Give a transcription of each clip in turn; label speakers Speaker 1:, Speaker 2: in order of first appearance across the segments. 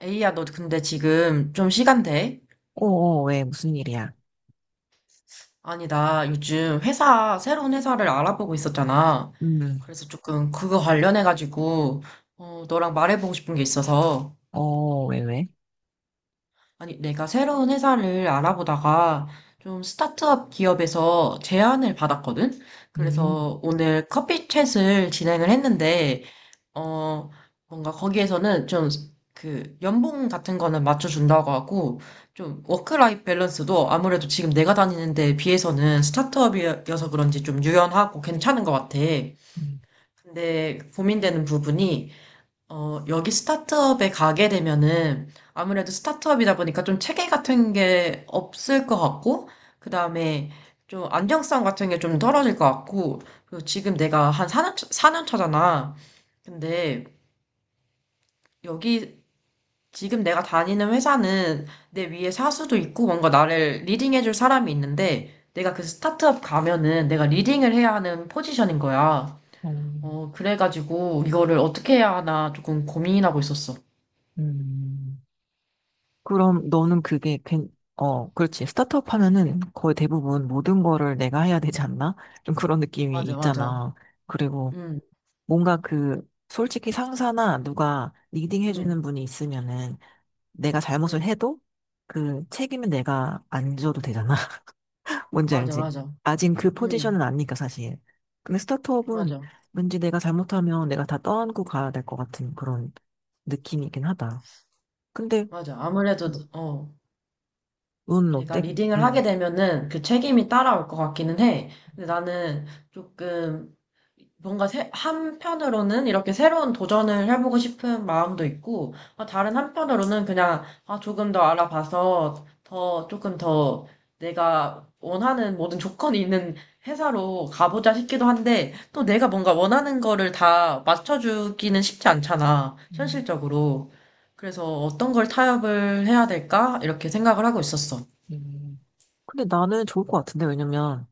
Speaker 1: 에이야, 너 근데 지금 좀 시간 돼?
Speaker 2: 어, 어, 왜, 무슨 일이야?
Speaker 1: 아니, 나 요즘 회사, 새로운 회사를 알아보고 있었잖아.
Speaker 2: 음,
Speaker 1: 그래서 조금 그거 관련해가지고, 너랑 말해보고 싶은 게 있어서.
Speaker 2: 어, 왜, 왜?
Speaker 1: 아니, 내가 새로운 회사를 알아보다가 좀 스타트업 기업에서 제안을 받았거든?
Speaker 2: 음,
Speaker 1: 그래서 오늘 커피 챗을 진행을 했는데, 어, 뭔가 거기에서는 좀 그 연봉 같은 거는 맞춰준다고 하고 좀 워크라이프 밸런스도 아무래도 지금 내가 다니는 데에 비해서는 스타트업이어서 그런지 좀 유연하고 괜찮은 것 같아.
Speaker 2: 음,
Speaker 1: 근데 고민되는 부분이 여기 스타트업에 가게 되면은 아무래도 스타트업이다 보니까 좀 체계 같은 게 없을 것 같고 그다음에 좀 안정성 같은 게 좀 떨어질 것 같고 그리고 지금 내가 한 사년 4년 차잖아. 근데 여기 지금 내가 다니는 회사는 내 위에 사수도 있고 뭔가 나를 리딩해줄 사람이 있는데 내가 그 스타트업 가면은 내가 리딩을 해야 하는 포지션인 거야.
Speaker 2: 어,
Speaker 1: 그래가지고 이거를 어떻게 해야 하나 조금 고민하고 있었어.
Speaker 2: 음. 그럼 너는 그게, 그렇지. 스타트업 하면은 거의 대부분 모든 거를 내가 해야 되지 않나? 좀 그런 느낌이
Speaker 1: 맞아, 맞아.
Speaker 2: 있잖아. 그리고
Speaker 1: 응,
Speaker 2: 뭔가 그, 솔직히 상사나 누가 리딩 해주는
Speaker 1: 응,
Speaker 2: 분이 있으면은 내가 잘못을
Speaker 1: 응,
Speaker 2: 해도 그 책임은 내가 안 져도 되잖아. 뭔지
Speaker 1: 맞아,
Speaker 2: 알지?
Speaker 1: 맞아.
Speaker 2: 아직 그
Speaker 1: 응,
Speaker 2: 포지션은 아니니까 사실. 근데 스타트업은
Speaker 1: 맞아,
Speaker 2: 왠지 내가 잘못하면 내가 다 떠안고 가야 될 것 같은 그런 느낌이긴 하다. 근데
Speaker 1: 맞아. 아무래도,
Speaker 2: 뭐, 너는
Speaker 1: 내가
Speaker 2: 어때?
Speaker 1: 리딩을 하게
Speaker 2: 음.
Speaker 1: 되면은 그 책임이 따라올 것 같기는 해. 근데 나는 조금 뭔가 한편으로는 이렇게 새로운 도전을 해보고 싶은 마음도 있고, 다른 한편으로는 그냥 아, 조금 더 알아봐서 더, 조금 더 내가 원하는 모든 조건이 있는 회사로 가보자 싶기도 한데, 또 내가 뭔가 원하는 거를 다 맞춰주기는 쉽지 않잖아,
Speaker 2: 음,
Speaker 1: 현실적으로. 그래서 어떤 걸 타협을 해야 될까? 이렇게 생각을 하고 있었어.
Speaker 2: 음, 근데 나는 좋을 것 같은데 왜냐면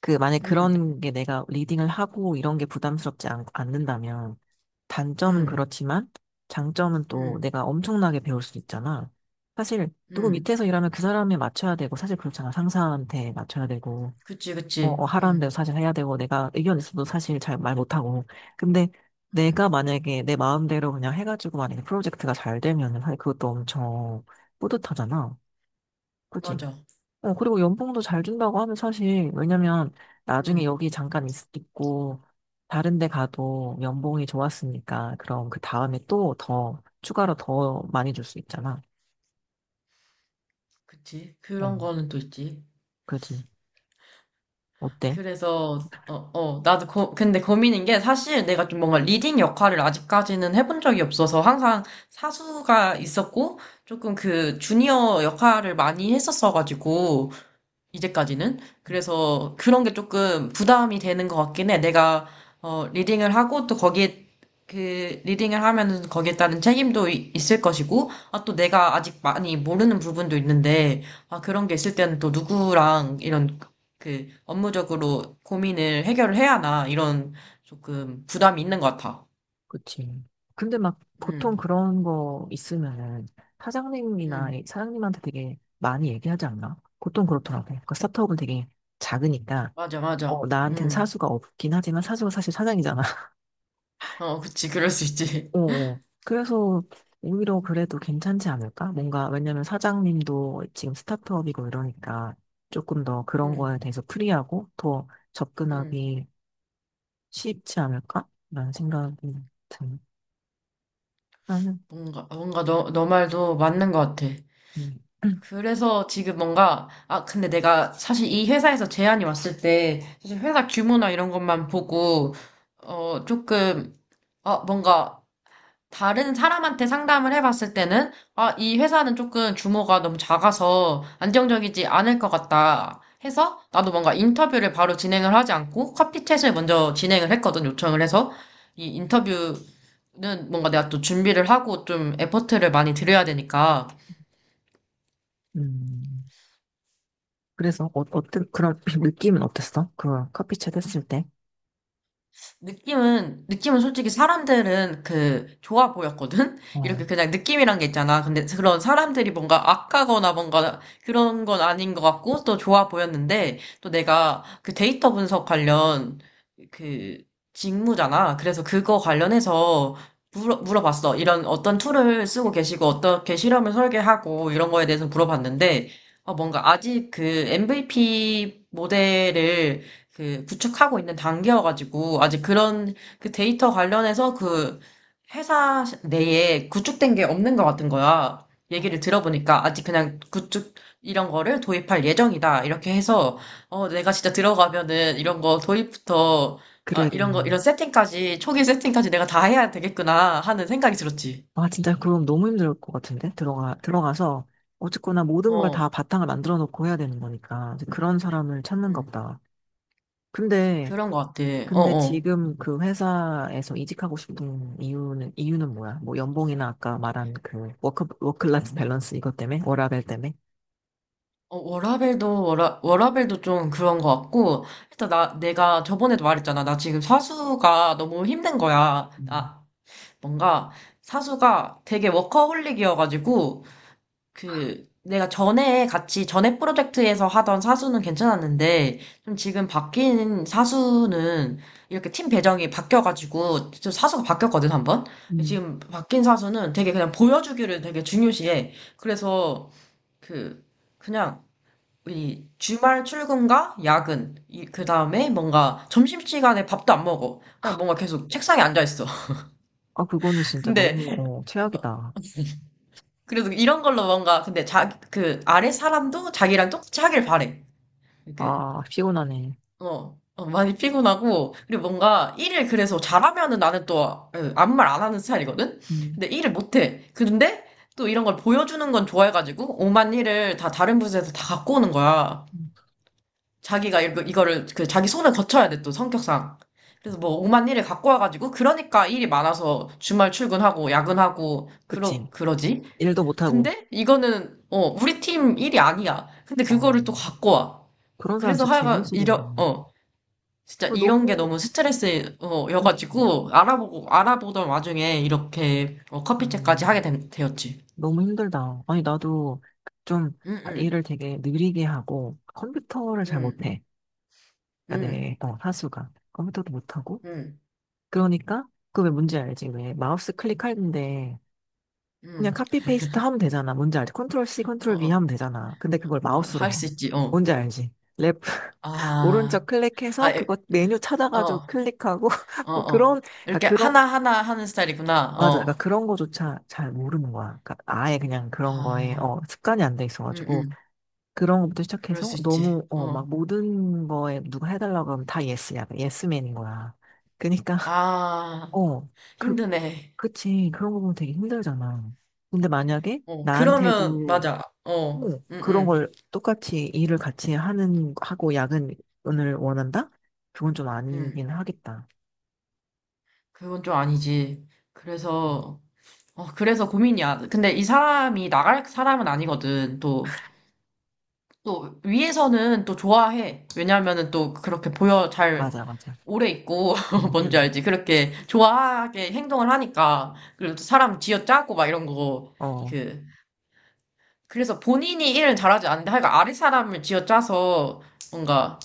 Speaker 2: 그 만약
Speaker 1: 응.
Speaker 2: 그런 게 내가 리딩을 하고 이런 게 부담스럽지 않는다면
Speaker 1: 응.
Speaker 2: 단점은 그렇지만 장점은 또
Speaker 1: 응.
Speaker 2: 내가 엄청나게 배울 수 있잖아. 사실 누구
Speaker 1: 응.
Speaker 2: 밑에서 일하면 그 사람에 맞춰야 되고 사실 그렇잖아. 상사한테 맞춰야 되고
Speaker 1: 그치, 그치.
Speaker 2: 하라는 대로
Speaker 1: 응.
Speaker 2: 사실 해야 되고, 내가 의견 있어도 사실 잘 말 못하고. 근데 내가 만약에 내 마음대로 그냥 해가지고 만약에 프로젝트가 잘 되면은 사실 그것도 엄청 뿌듯하잖아. 그치?
Speaker 1: 맞아.
Speaker 2: 그리고 연봉도 잘 준다고 하면 사실, 왜냐면 나중에
Speaker 1: 응.
Speaker 2: 여기 잠깐 있고, 다른 데 가도 연봉이 좋았으니까, 그럼 그 다음에 또 더, 추가로 더 많이 줄 수 있잖아.
Speaker 1: 그치.
Speaker 2: 어,
Speaker 1: 그런 거는 또 있지.
Speaker 2: 그치? 어때?
Speaker 1: 그래서, 나도 근데 고민인 게 사실 내가 좀 뭔가 리딩 역할을 아직까지는 해본 적이 없어서 항상 사수가 있었고 조금 그 주니어 역할을 많이 했었어가지고 이제까지는. 그래서 그런 게 조금 부담이 되는 것 같긴 해. 내가, 리딩을 하고 또 거기에, 그, 리딩을 하면은 거기에 따른 책임도 있을 것이고, 아, 또 내가 아직 많이 모르는 부분도 있는데, 아, 그런 게 있을 때는 또 누구랑 이런, 그, 업무적으로 고민을 해결을 해야 하나, 이런 조금 부담이 있는 것 같아.
Speaker 2: 그치. 근데 막 보통
Speaker 1: 응,
Speaker 2: 그런 거 있으면은 사장님이나
Speaker 1: 응,
Speaker 2: 사장님한테 되게 많이 얘기하지 않나? 보통 그렇더라고. 그러니까 스타트업은 되게 작으니까
Speaker 1: 맞아, 맞아.
Speaker 2: 나한텐
Speaker 1: 응,
Speaker 2: 사수가 없긴 하지만 사수가 사실 사장이잖아.
Speaker 1: 그치, 그럴 수 있지.
Speaker 2: 어, 어. 그래서 오히려 그래도 괜찮지 않을까? 뭔가 왜냐면 사장님도 지금 스타트업이고 이러니까 조금 더 그런
Speaker 1: 응,
Speaker 2: 거에 대해서 프리하고 더
Speaker 1: 응.
Speaker 2: 접근하기 쉽지 않을까? 라는 생각이 드는 나는
Speaker 1: 뭔가, 뭔가 너 말도 맞는 것 같아.
Speaker 2: 음.
Speaker 1: 그래서 지금 뭔가, 아, 근데 내가 사실 이 회사에서 제안이 왔을 때, 사실 회사 규모나 이런 것만 보고, 조금, 아, 뭔가, 다른 사람한테 상담을 해봤을 때는, 아, 이 회사는 조금 규모가 너무 작아서 안정적이지 않을 것 같다 해서, 나도 뭔가 인터뷰를 바로 진행을 하지 않고, 커피챗을 먼저 진행을 했거든, 요청을 해서. 이 인터뷰는 뭔가 내가 또 준비를 하고 좀 에포트를 많이 들여야 되니까.
Speaker 2: 음. 그래서 어떤 그런 느낌은 어땠어? 그 커피챗 했을 때?
Speaker 1: 느낌은, 느낌은 솔직히 사람들은 그, 좋아 보였거든?
Speaker 2: 어.
Speaker 1: 이렇게 그냥 느낌이란 게 있잖아. 근데 그런 사람들이 뭔가 악하거나 뭔가 그런 건 아닌 것 같고, 또 좋아 보였는데, 또 내가 그 데이터 분석 관련 그 직무잖아. 그래서 그거 관련해서 물어봤어. 이런 어떤 툴을 쓰고 계시고, 어떻게 실험을 설계하고, 이런 거에 대해서 물어봤는데, 뭔가 아직 그 MVP 모델을 그 구축하고 있는 단계여가지고 아직 그런 그 데이터 관련해서 그 회사 내에 구축된 게 없는 것 같은 거야.
Speaker 2: 어,
Speaker 1: 얘기를 들어보니까 아직 그냥 구축 이런 거를 도입할 예정이다. 이렇게 해서 내가 진짜 들어가면은 이런 거 도입부터 아 이런 거
Speaker 2: 그래야겠네.
Speaker 1: 이런 세팅까지 초기 세팅까지 내가 다 해야 되겠구나 하는 생각이 들었지.
Speaker 2: 아, 진짜 그럼 너무 힘들 것 같은데? 들어가서, 어쨌거나 모든 걸 다
Speaker 1: 어,
Speaker 2: 바탕을 만들어 놓고 해야 되는 거니까. 이제 그런 사람을 찾는가
Speaker 1: 음,
Speaker 2: 보다. 근데,
Speaker 1: 그런 것 같아. 어,
Speaker 2: 근데
Speaker 1: 어.
Speaker 2: 지금 그 회사에서 이직하고 싶은 이유는 뭐야? 뭐 연봉이나 아까 말한 그 워크라이프 밸런스 이것 때문에? 워라밸 때문에?
Speaker 1: 워라밸도, 워라밸도 좀 그런 것 같고, 일단 나, 내가 저번에도 말했잖아. 나 지금 사수가 너무 힘든 거야.
Speaker 2: 음.
Speaker 1: 나, 뭔가, 사수가 되게 워커홀릭이어가지고, 그, 내가 전에 같이, 전에 프로젝트에서 하던 사수는 괜찮았는데, 좀 지금 바뀐 사수는, 이렇게 팀 배정이 바뀌어가지고, 좀 사수가 바뀌었거든, 한 번?
Speaker 2: 음.
Speaker 1: 지금 바뀐 사수는 되게 그냥 보여주기를 되게 중요시해. 그래서, 그, 그냥, 이 주말 출근과 야근, 이, 그 다음에 뭔가 점심시간에 밥도 안 먹어. 그냥 뭔가 계속 책상에 앉아 있어.
Speaker 2: 아, 그거는 진짜
Speaker 1: 근데,
Speaker 2: 너무, 최악이다.
Speaker 1: 그래도 이런 걸로 뭔가, 근데 자, 그 아래 사람도 자기랑 똑같이 하길 바래. 이렇게,
Speaker 2: 아, 피곤하네.
Speaker 1: 많이 피곤하고, 그리고 뭔가 일을 그래서 잘하면은 나는 또 에, 아무 말 안 하는 스타일이거든?
Speaker 2: 음.
Speaker 1: 근데 일을 못해. 근데 또 이런 걸 보여주는 건 좋아해가지고, 오만 일을 다 다른 부서에서 다 갖고 오는 거야. 자기가 이거를 그 자기 손을 거쳐야 돼 또 성격상. 그래서 뭐 오만 일을 갖고 와가지고 그러니까 일이 많아서 주말 출근하고 야근하고
Speaker 2: 그치.
Speaker 1: 그러지.
Speaker 2: 일도 못하고.
Speaker 1: 근데 이거는 우리 팀 일이 아니야. 근데
Speaker 2: 어,
Speaker 1: 그거를 또 갖고 와.
Speaker 2: 그런 사람
Speaker 1: 그래서
Speaker 2: 진짜 제일
Speaker 1: 하여간
Speaker 2: 싫은데.
Speaker 1: 이런 진짜
Speaker 2: 그
Speaker 1: 이런 게
Speaker 2: 너무,
Speaker 1: 너무 스트레스
Speaker 2: 음,
Speaker 1: 여가지고 알아보고 알아보던 와중에 이렇게 커피챗까지 하게
Speaker 2: 음,
Speaker 1: 되었지.
Speaker 2: 너무 힘들다. 아니, 나도 좀
Speaker 1: 응응.
Speaker 2: 일을 되게 느리게 하고 컴퓨터를 잘 못해. 그러니까
Speaker 1: 응응응응.
Speaker 2: 내 사수가. 컴퓨터도 못하고. 그러니까 그왜 문제 알지? 왜 마우스 클릭하는데 그냥 카피 페이스트 하면 되잖아. 뭔지 알지? 컨트롤 C,
Speaker 1: 어,
Speaker 2: 컨트롤 V
Speaker 1: 어,
Speaker 2: 하면 되잖아. 근데 그걸
Speaker 1: 어,
Speaker 2: 마우스로
Speaker 1: 할
Speaker 2: 해.
Speaker 1: 수 있지. 어.
Speaker 2: 뭔지 알지? 랩,
Speaker 1: 아.
Speaker 2: 오른쪽
Speaker 1: 아,
Speaker 2: 클릭해서
Speaker 1: 에,
Speaker 2: 그거 메뉴
Speaker 1: 어,
Speaker 2: 찾아가지고 클릭하고
Speaker 1: 어,
Speaker 2: 뭐
Speaker 1: 어.
Speaker 2: 그런 그러니까
Speaker 1: 이렇게
Speaker 2: 그런
Speaker 1: 하나하나 하는 스타일이구나.
Speaker 2: 맞아. 그러니까
Speaker 1: 어.
Speaker 2: 그런 거조차 잘 모르는 거야. 그러니까 아예 그냥 그런 거에
Speaker 1: 아,
Speaker 2: 습관이 안 돼
Speaker 1: 음,
Speaker 2: 있어가지고
Speaker 1: 음.
Speaker 2: 그런 것부터
Speaker 1: 그럴
Speaker 2: 시작해서
Speaker 1: 수 있지.
Speaker 2: 너무
Speaker 1: 어.
Speaker 2: 막 모든 거에 누가 해달라고 하면 다 예스야. 예스맨인 거야. 그러니까
Speaker 1: 아,
Speaker 2: 어, 그,
Speaker 1: 힘드네.
Speaker 2: 그치. 그런 거 보면 되게 힘들잖아. 근데 만약에
Speaker 1: 어, 그러면,
Speaker 2: 나한테도
Speaker 1: 맞아. 어,
Speaker 2: 뭐
Speaker 1: 응,
Speaker 2: 그런
Speaker 1: 응,
Speaker 2: 걸 똑같이 일을 같이 하는 하고 야근을 원한다? 그건 좀
Speaker 1: 응,
Speaker 2: 아니긴 하겠다.
Speaker 1: 그건 좀 아니지. 그래서, 그래서 고민이야. 근데 이 사람이 나갈 사람은 아니거든, 또. 또 위에서는 또 좋아해. 왜냐하면은 또 그렇게 보여 잘
Speaker 2: 맞아, 맞아.
Speaker 1: 오래 있고
Speaker 2: 음,
Speaker 1: 뭔지
Speaker 2: 음.
Speaker 1: 알지?
Speaker 2: 그치?
Speaker 1: 그렇게 좋아하게 행동을 하니까 그리고 또 사람 쥐어짜고 막 이런 거
Speaker 2: 어,
Speaker 1: 그 그래서 본인이 일을 잘하지 않는데 하여간 아래 사람을 쥐어짜서 뭔가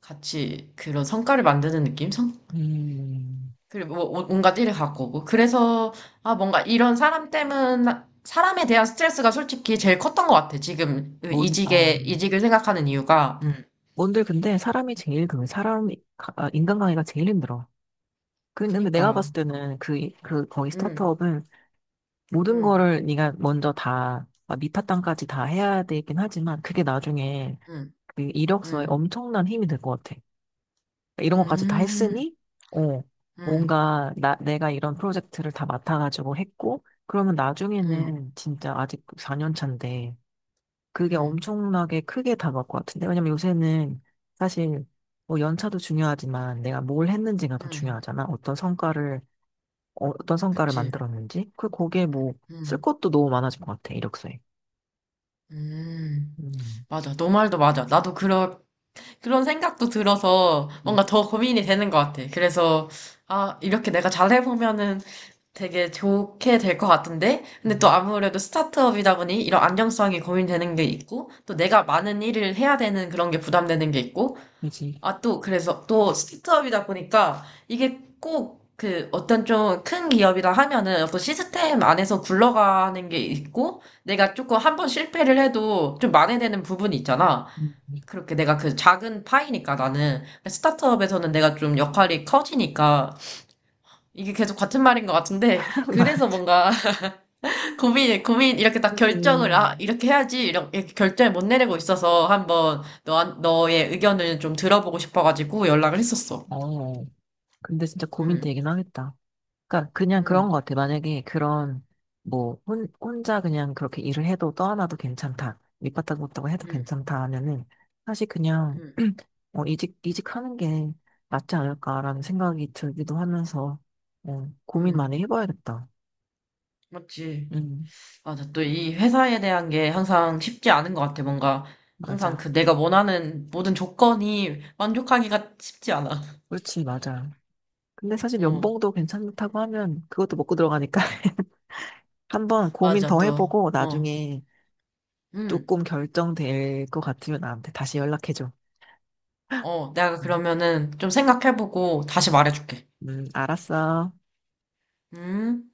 Speaker 1: 같이 그런 성과를 만드는 느낌? 성
Speaker 2: 음.
Speaker 1: 그리고 뭔가 일을 갖고 오고 그래서 아 뭔가 이런 사람 때문 사람에 대한 스트레스가 솔직히 제일 컸던 것 같아. 지금 그
Speaker 2: 뭔, 어,
Speaker 1: 이직에 이직을 생각하는 이유가
Speaker 2: 뭔들 근데 사람이 제일 그 사람, 아, 인간관계가 제일 힘들어. 근데 내가 봤을
Speaker 1: 그니까.
Speaker 2: 때는 거기
Speaker 1: 음,
Speaker 2: 스타트업은 모든
Speaker 1: 음,
Speaker 2: 거를 네가 먼저 다, 막 밑바탕까지 다 해야 되긴 하지만 그게 나중에
Speaker 1: 음,
Speaker 2: 그 이력서에
Speaker 1: 음,
Speaker 2: 엄청난 힘이 될 것 같아. 그러니까 이런 것까지 다
Speaker 1: 음,
Speaker 2: 했으니, 어,
Speaker 1: 음,
Speaker 2: 뭔가 내가 이런 프로젝트를 다 맡아가지고 했고, 그러면
Speaker 1: 음,
Speaker 2: 나중에는 진짜 아직 4년 차인데, 그게
Speaker 1: 음,
Speaker 2: 엄청나게 크게 다가올 것 같은데. 왜냐면 요새는 사실 뭐 연차도 중요하지만 내가 뭘 했는지가 더
Speaker 1: 음,
Speaker 2: 중요하잖아. 어떤 성과를, 어, 떤 성과를
Speaker 1: 그치,
Speaker 2: 만들었는지. 거기에 뭐, 쓸
Speaker 1: 음,
Speaker 2: 것도 너무 많아진 것 같아, 이력서에.
Speaker 1: 음,
Speaker 2: 음,
Speaker 1: 맞아. 너 말도 맞아. 나도 그런, 그런 생각도 들어서
Speaker 2: 이,
Speaker 1: 뭔가 더 고민이 되는 것 같아. 그래서, 아, 이렇게 내가 잘해보면은 되게 좋게 될 것 같은데? 근데 또
Speaker 2: 음,
Speaker 1: 아무래도 스타트업이다 보니 이런 안정성이 고민되는 게 있고, 또 내가 많은 일을 해야 되는 그런 게 부담되는 게 있고,
Speaker 2: 그지.
Speaker 1: 아, 또, 그래서, 또, 스타트업이다 보니까, 이게 꼭, 그, 어떤 좀 큰 기업이라 하면은, 어떤 시스템 안에서 굴러가는 게 있고, 내가 조금 한번 실패를 해도 좀 만회되는 부분이 있잖아.
Speaker 2: 음.
Speaker 1: 그렇게 내가 그 작은 파이니까 나는. 스타트업에서는 내가 좀 역할이 커지니까, 이게 계속 같은 말인 것 같은데, 그래서
Speaker 2: 맞아.
Speaker 1: 뭔가, 고민, 이렇게 딱 결정을, 아,
Speaker 2: 그지.
Speaker 1: 이렇게 해야지, 이렇게 결정을 못 내리고 있어서, 한번, 너의 의견을 좀 들어보고 싶어가지고 연락을 했었어.
Speaker 2: 어, 근데 진짜
Speaker 1: 응,
Speaker 2: 고민되긴 하겠다. 그러니까 그냥
Speaker 1: 응,
Speaker 2: 그런 것 같아. 만약에 그런 뭐 혼자 그냥 그렇게 일을 해도 떠나도 괜찮다. 밑바닥 못하고 해도
Speaker 1: 응,
Speaker 2: 괜찮다 하면은 사실 그냥
Speaker 1: 응,
Speaker 2: 이직하는 게 낫지 않을까라는 생각이 들기도 하면서 고민
Speaker 1: 응.
Speaker 2: 많이 해봐야겠다.
Speaker 1: 맞지.
Speaker 2: 음
Speaker 1: 맞아. 또 이 회사에 대한 게 항상 쉽지 않은 것 같아. 뭔가 항상
Speaker 2: 맞아.
Speaker 1: 그 내가 원하는 모든 조건이 만족하기가 쉽지 않아.
Speaker 2: 그렇지 맞아. 근데 사실
Speaker 1: 어,
Speaker 2: 연봉도 괜찮다고 하면 그것도 먹고 들어가니까 한번 고민
Speaker 1: 맞아.
Speaker 2: 더
Speaker 1: 또,
Speaker 2: 해보고
Speaker 1: 어,
Speaker 2: 나중에
Speaker 1: 응,
Speaker 2: 조금 결정될 것 같으면 나한테 다시 연락해줘.
Speaker 1: 어. 내가
Speaker 2: 음,
Speaker 1: 그러면은 좀 생각해보고 다시 말해줄게.
Speaker 2: 알았어.
Speaker 1: 음.